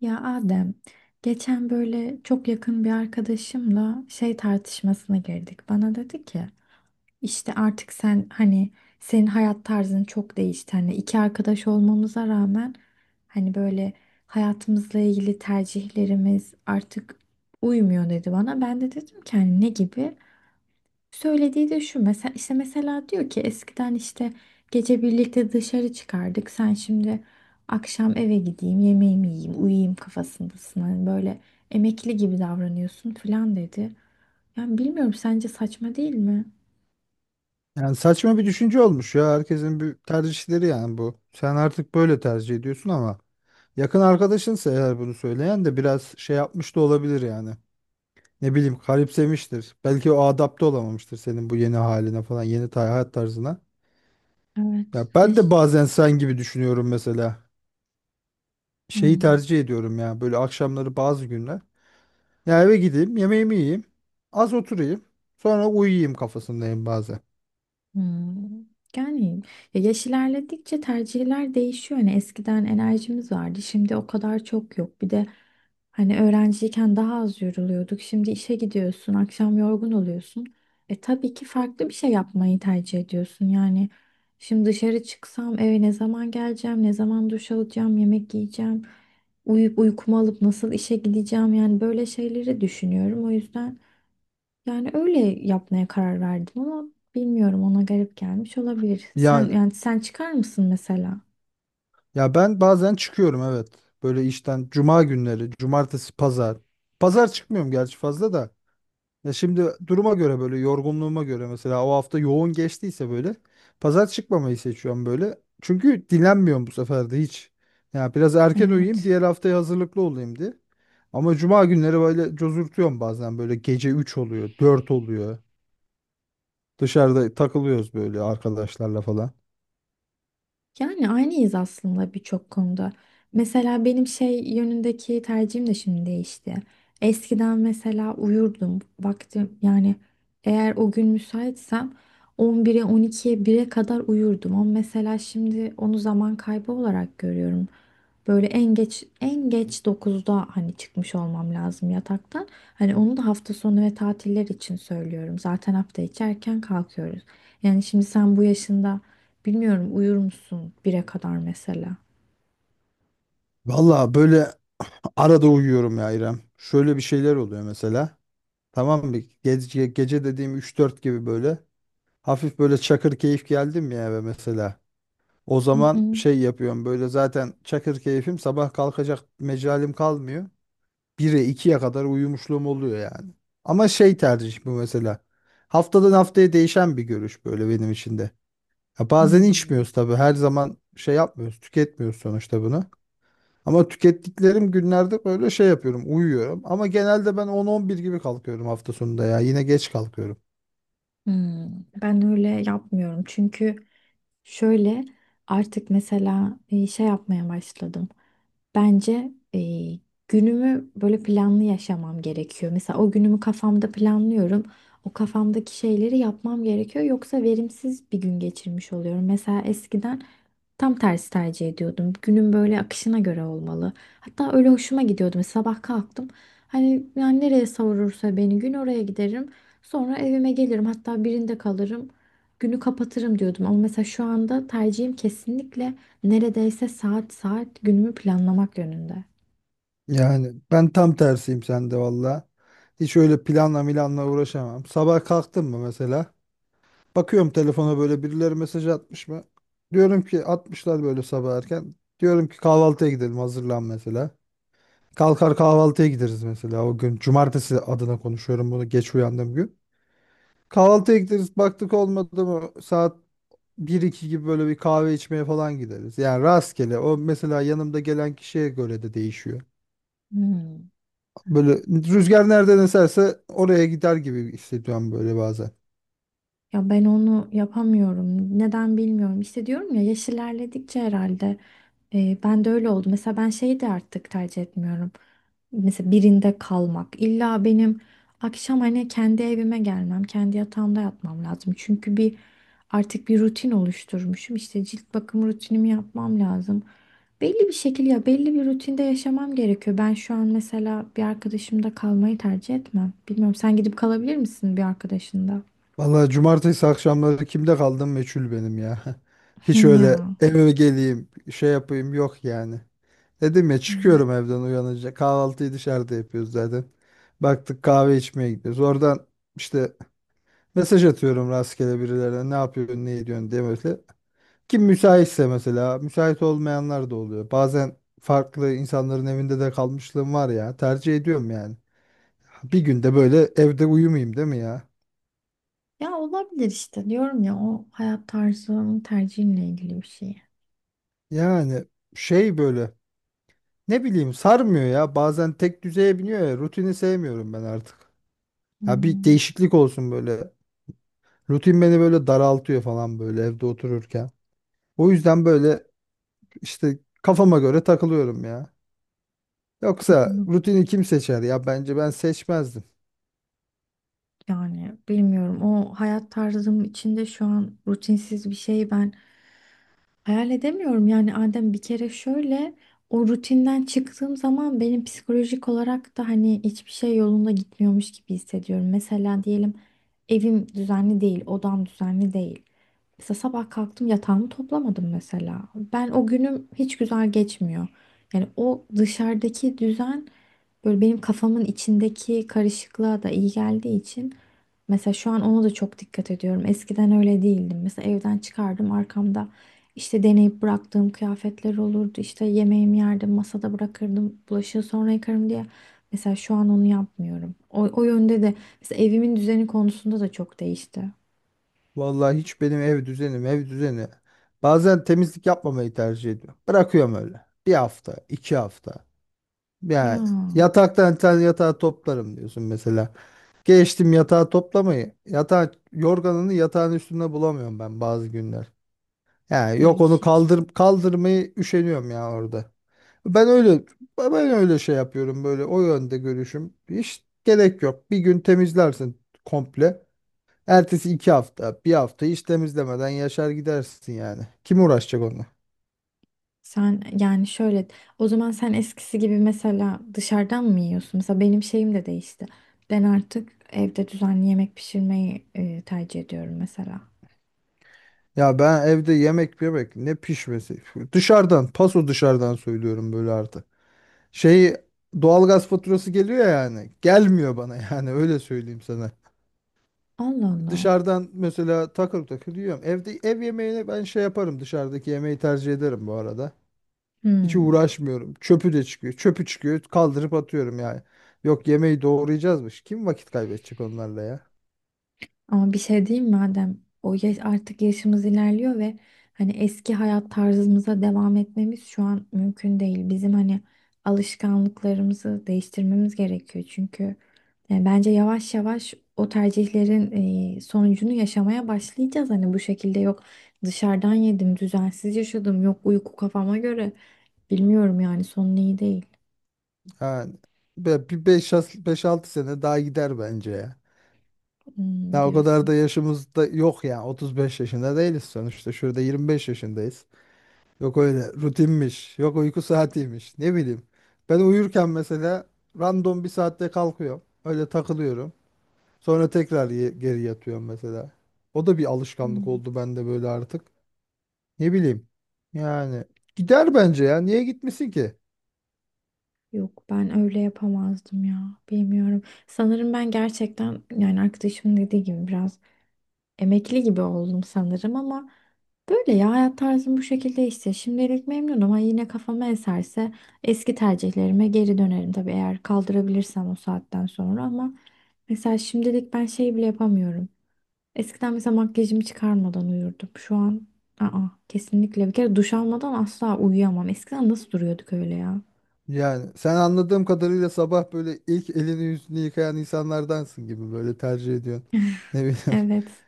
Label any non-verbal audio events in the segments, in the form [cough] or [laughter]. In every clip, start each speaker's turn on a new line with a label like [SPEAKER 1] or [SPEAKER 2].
[SPEAKER 1] Ya Adem, geçen böyle çok yakın bir arkadaşımla şey tartışmasına girdik. Bana dedi ki, işte artık sen hani senin hayat tarzın çok değişti. Hani iki arkadaş olmamıza rağmen hani böyle hayatımızla ilgili tercihlerimiz artık uymuyor dedi bana. Ben de dedim ki hani ne gibi? Söylediği de şu, mesela işte mesela diyor ki eskiden işte gece birlikte dışarı çıkardık. Sen şimdi akşam eve gideyim, yemeğimi yiyeyim, uyuyayım kafasındasın. Hani böyle emekli gibi davranıyorsun falan dedi. Yani bilmiyorum, sence saçma değil mi?
[SPEAKER 2] Yani saçma bir düşünce olmuş ya. Herkesin bir tercihleri yani bu. Sen artık böyle tercih ediyorsun ama yakın arkadaşınsa eğer bunu söyleyen de biraz şey yapmış da olabilir yani. Ne bileyim garipsemiştir. Belki o adapte olamamıştır senin bu yeni haline falan, yeni hayat tarzına. Ya
[SPEAKER 1] Evet.
[SPEAKER 2] ben de bazen sen gibi düşünüyorum mesela. Şeyi
[SPEAKER 1] Hmm.
[SPEAKER 2] tercih ediyorum ya böyle akşamları bazı günler. Ya eve gideyim, yemeğimi yiyeyim, az oturayım, sonra uyuyayım kafasındayım bazen.
[SPEAKER 1] Hmm. Yani ya yaş ilerledikçe tercihler değişiyor. Hani eskiden enerjimiz vardı, şimdi o kadar çok yok. Bir de hani öğrenciyken daha az yoruluyorduk. Şimdi işe gidiyorsun, akşam yorgun oluyorsun. E tabii ki farklı bir şey yapmayı tercih ediyorsun. Yani şimdi dışarı çıksam eve ne zaman geleceğim, ne zaman duş alacağım, yemek yiyeceğim, uyuyup uykumu alıp nasıl işe gideceğim, yani böyle şeyleri düşünüyorum. O yüzden. Yani öyle yapmaya karar verdim ama bilmiyorum, ona garip gelmiş olabilir. Sen
[SPEAKER 2] Yani
[SPEAKER 1] yani sen çıkar mısın mesela?
[SPEAKER 2] ya ben bazen çıkıyorum, evet. Böyle işten cuma günleri, cumartesi, pazar. Pazar çıkmıyorum gerçi fazla da. Ya şimdi duruma göre böyle, yorgunluğuma göre mesela, o hafta yoğun geçtiyse böyle pazar çıkmamayı seçiyorum böyle. Çünkü dinlenmiyorum bu sefer de hiç. Ya biraz erken uyuyayım,
[SPEAKER 1] Evet.
[SPEAKER 2] diğer haftaya hazırlıklı olayım diye. Ama cuma günleri böyle cozurtuyorum bazen, böyle gece 3 oluyor, 4 oluyor. Dışarıda takılıyoruz böyle arkadaşlarla falan.
[SPEAKER 1] Yani aynıyız aslında birçok konuda. Mesela benim şey yönündeki tercihim de şimdi değişti. Eskiden mesela uyurdum. Vaktim yani, eğer o gün müsaitsem, 11'e 12'ye bire kadar uyurdum. Ama mesela şimdi onu zaman kaybı olarak görüyorum. Böyle en geç en geç dokuzda hani çıkmış olmam lazım yataktan. Hani onu da hafta sonu ve tatiller için söylüyorum. Zaten hafta içi erken kalkıyoruz. Yani şimdi sen bu yaşında, bilmiyorum, uyur musun bire kadar mesela?
[SPEAKER 2] Valla böyle arada uyuyorum ya İrem. Şöyle bir şeyler oluyor mesela. Tamam mı? Gece, gece dediğim 3-4 gibi böyle. Hafif böyle çakır keyif geldim ya eve mesela. O
[SPEAKER 1] Hı
[SPEAKER 2] zaman
[SPEAKER 1] hı.
[SPEAKER 2] şey yapıyorum böyle, zaten çakır keyfim, sabah kalkacak mecalim kalmıyor. 1'e 2'ye kadar uyumuşluğum oluyor yani. Ama şey, tercih bu mesela. Haftadan haftaya değişen bir görüş böyle benim için de. Ya bazen
[SPEAKER 1] Hmm.
[SPEAKER 2] içmiyoruz tabii, her zaman şey yapmıyoruz, tüketmiyoruz sonuçta bunu. Ama tükettiklerim günlerde böyle şey yapıyorum, uyuyorum. Ama genelde ben 10-11 gibi kalkıyorum hafta sonunda ya. Yine geç kalkıyorum.
[SPEAKER 1] Hmm, ben öyle yapmıyorum çünkü şöyle, artık mesela şey yapmaya başladım. Bence günümü böyle planlı yaşamam gerekiyor. Mesela o günümü kafamda planlıyorum. O kafamdaki şeyleri yapmam gerekiyor. Yoksa verimsiz bir gün geçirmiş oluyorum. Mesela eskiden tam tersi tercih ediyordum. Günün böyle akışına göre olmalı. Hatta öyle hoşuma gidiyordu. Mesela sabah kalktım. Hani yani nereye savurursa beni gün, oraya giderim. Sonra evime gelirim. Hatta birinde kalırım. Günü kapatırım diyordum. Ama mesela şu anda tercihim kesinlikle neredeyse saat saat günümü planlamak yönünde.
[SPEAKER 2] Yani ben tam tersiyim sende valla. Hiç öyle planla milanla uğraşamam. Sabah kalktım mı mesela? Bakıyorum telefona, böyle birileri mesaj atmış mı? Diyorum ki atmışlar böyle sabah erken. Diyorum ki kahvaltıya gidelim, hazırlan mesela. Kalkar kahvaltıya gideriz mesela o gün. Cumartesi adına konuşuyorum bunu, geç uyandığım gün. Kahvaltıya gideriz, baktık olmadı mı, saat 1-2 gibi böyle bir kahve içmeye falan gideriz. Yani rastgele o, mesela yanımda gelen kişiye göre de değişiyor.
[SPEAKER 1] Hmm.
[SPEAKER 2] Böyle rüzgar nereden eserse oraya gider gibi hissediyorum böyle bazen.
[SPEAKER 1] Ya ben onu yapamıyorum. Neden bilmiyorum. İşte diyorum ya, yaş ilerledikçe herhalde ben de öyle oldu. Mesela ben şeyi de artık tercih etmiyorum. Mesela birinde kalmak. İlla benim akşam hani kendi evime gelmem, kendi yatağımda yatmam lazım. Çünkü artık bir rutin oluşturmuşum. İşte cilt bakım rutinimi yapmam lazım. Belli bir şekilde, ya belli bir rutinde yaşamam gerekiyor. Ben şu an mesela bir arkadaşımda kalmayı tercih etmem. Bilmiyorum, sen gidip kalabilir misin bir arkadaşında?
[SPEAKER 2] Vallahi cumartesi akşamları kimde kaldım meçhul benim ya. [laughs]
[SPEAKER 1] [laughs]
[SPEAKER 2] Hiç öyle
[SPEAKER 1] Ya.
[SPEAKER 2] eve geleyim şey yapayım yok yani. Dedim ya,
[SPEAKER 1] Hı. hı.
[SPEAKER 2] çıkıyorum evden uyanınca, kahvaltıyı dışarıda yapıyoruz zaten. Baktık kahve içmeye gidiyoruz. Oradan işte mesaj atıyorum rastgele birilerine, ne yapıyorsun ne ediyorsun diye böyle. Kim müsaitse mesela, müsait olmayanlar da oluyor. Bazen farklı insanların evinde de kalmışlığım var ya, tercih ediyorum yani. Bir günde böyle evde uyumayayım değil mi ya?
[SPEAKER 1] Ya olabilir işte, diyorum ya, o hayat tarzının tercihinle ilgili bir şey.
[SPEAKER 2] Yani şey, böyle ne bileyim, sarmıyor ya bazen, tek düzeye biniyor ya, rutini sevmiyorum ben artık. Ya bir
[SPEAKER 1] Hmm.
[SPEAKER 2] değişiklik olsun böyle. Rutin beni böyle daraltıyor falan, böyle evde otururken. O yüzden böyle işte kafama göre takılıyorum ya. Yoksa
[SPEAKER 1] Yok.
[SPEAKER 2] rutini kim seçer ya, bence ben seçmezdim.
[SPEAKER 1] Yani bilmiyorum, o hayat tarzım içinde şu an rutinsiz bir şey ben hayal edemiyorum yani Adem. Bir kere şöyle, o rutinden çıktığım zaman benim psikolojik olarak da hani hiçbir şey yolunda gitmiyormuş gibi hissediyorum. Mesela diyelim evim düzenli değil, odam düzenli değil. Mesela sabah kalktım, yatağımı toplamadım mesela. Ben o günüm hiç güzel geçmiyor. Yani o dışarıdaki düzen böyle benim kafamın içindeki karışıklığa da iyi geldiği için, mesela şu an ona da çok dikkat ediyorum. Eskiden öyle değildim. Mesela evden çıkardım, arkamda işte deneyip bıraktığım kıyafetler olurdu. İşte yemeğimi yerdim, masada bırakırdım. Bulaşığı sonra yıkarım diye. Mesela şu an onu yapmıyorum. O yönde de mesela evimin düzeni konusunda da çok değişti.
[SPEAKER 2] Vallahi hiç benim ev düzenim, ev düzeni. Bazen temizlik yapmamayı tercih ediyorum. Bırakıyorum öyle. Bir hafta, iki hafta.
[SPEAKER 1] Ya
[SPEAKER 2] Yani yataktan sen yatağı toplarım diyorsun mesela. Geçtim yatağı toplamayı. Yatağı, yorganını yatağın üstünde bulamıyorum ben bazı günler. Yani yok onu
[SPEAKER 1] değişik.
[SPEAKER 2] kaldır, kaldırmayı üşeniyorum ya orada. Ben öyle ben öyle şey yapıyorum böyle, o yönde görüşüm. Hiç gerek yok. Bir gün temizlersin komple. Ertesi iki hafta, bir hafta hiç temizlemeden yaşar gidersin yani. Kim uğraşacak onunla?
[SPEAKER 1] Sen yani şöyle, o zaman sen eskisi gibi mesela dışarıdan mı yiyorsun? Mesela benim şeyim de değişti. Ben artık evde düzenli yemek pişirmeyi tercih ediyorum mesela.
[SPEAKER 2] Ya ben evde yemek yemek ne pişmesi. Dışarıdan, paso dışarıdan söylüyorum böyle artık. Şey, doğalgaz faturası geliyor ya yani. Gelmiyor bana [laughs] yani öyle söyleyeyim sana.
[SPEAKER 1] Allah Allah.
[SPEAKER 2] Dışarıdan mesela takır takır yiyorum. Evde ev yemeğini ben şey yaparım, dışarıdaki yemeği tercih ederim bu arada. Hiç
[SPEAKER 1] Hmm.
[SPEAKER 2] uğraşmıyorum. Çöpü de çıkıyor. Çöpü çıkıyor. Kaldırıp atıyorum yani. Yok yemeği doğrayacağızmış. Kim vakit kaybedecek onlarla ya?
[SPEAKER 1] Ama bir şey diyeyim mi Adem, o yaş, artık yaşımız ilerliyor ve hani eski hayat tarzımıza devam etmemiz şu an mümkün değil. Bizim hani alışkanlıklarımızı değiştirmemiz gerekiyor. Çünkü yani bence yavaş yavaş o tercihlerin sonucunu yaşamaya başlayacağız. Hani bu şekilde, yok dışarıdan yedim, düzensiz yaşadım, yok uyku kafama göre. Bilmiyorum, yani sonu iyi değil.
[SPEAKER 2] Yani bir 5-6 sene daha gider bence ya.
[SPEAKER 1] Hmm,
[SPEAKER 2] Daha o kadar
[SPEAKER 1] diyorsun.
[SPEAKER 2] da yaşımız da yok ya. 35 yaşında değiliz sonuçta. Şurada 25 yaşındayız. Yok öyle rutinmiş. Yok uyku saatiymiş. Ne bileyim. Ben uyurken mesela random bir saatte kalkıyorum. Öyle takılıyorum. Sonra tekrar geri yatıyorum mesela. O da bir alışkanlık
[SPEAKER 1] Hmm.
[SPEAKER 2] oldu bende böyle artık. Ne bileyim. Yani gider bence ya. Niye gitmesin ki?
[SPEAKER 1] Yok, ben öyle yapamazdım ya. Bilmiyorum. Sanırım ben gerçekten, yani arkadaşımın dediği gibi, biraz emekli gibi oldum sanırım ama böyle, ya hayat tarzım bu şekilde işte. Şimdilik memnunum ama yine kafama eserse eski tercihlerime geri dönerim tabii, eğer kaldırabilirsem o saatten sonra. Ama mesela şimdilik ben şey bile yapamıyorum. Eskiden mesela makyajımı çıkarmadan uyurdum. Şu an aa kesinlikle bir kere duş almadan asla uyuyamam. Eskiden nasıl duruyorduk öyle ya?
[SPEAKER 2] Yani sen anladığım kadarıyla sabah böyle ilk elini yüzünü yıkayan insanlardansın gibi böyle tercih ediyorsun. Ne bileyim. [laughs]
[SPEAKER 1] Evet.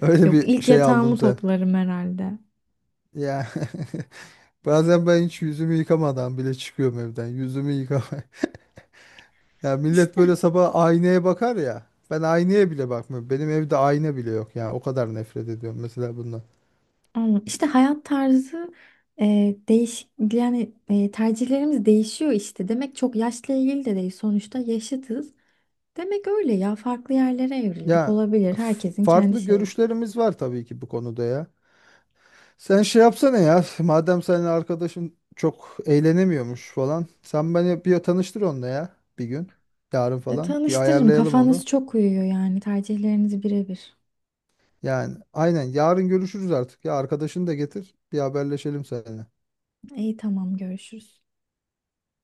[SPEAKER 2] Öyle
[SPEAKER 1] Yok,
[SPEAKER 2] bir
[SPEAKER 1] ilk
[SPEAKER 2] şey aldım
[SPEAKER 1] yatağımı
[SPEAKER 2] sen.
[SPEAKER 1] toplarım herhalde.
[SPEAKER 2] Ya [laughs] bazen ben hiç yüzümü yıkamadan bile çıkıyorum evden. Yüzümü yıkama. [laughs] Ya millet
[SPEAKER 1] İşte,
[SPEAKER 2] böyle sabah aynaya bakar ya. Ben aynaya bile bakmıyorum. Benim evde ayna bile yok ya. O kadar nefret ediyorum mesela bundan.
[SPEAKER 1] ama işte hayat tarzı, e, değiş yani tercihlerimiz değişiyor işte. Demek çok yaşla ilgili de değil, sonuçta yaşıtız. Demek öyle ya, farklı yerlere evrildik,
[SPEAKER 2] Ya
[SPEAKER 1] olabilir, herkesin kendi
[SPEAKER 2] farklı
[SPEAKER 1] şeyi.
[SPEAKER 2] görüşlerimiz var tabii ki bu konuda ya. Sen şey yapsana ya. Madem senin arkadaşın çok eğlenemiyormuş falan. Sen beni bir tanıştır onunla ya bir gün. Yarın falan. Bir
[SPEAKER 1] Tanıştırırım,
[SPEAKER 2] ayarlayalım
[SPEAKER 1] kafanız
[SPEAKER 2] onu.
[SPEAKER 1] çok uyuyor yani, tercihleriniz birebir.
[SPEAKER 2] Yani aynen, yarın görüşürüz artık. Ya arkadaşını da getir. Bir haberleşelim seninle.
[SPEAKER 1] İyi, tamam, görüşürüz.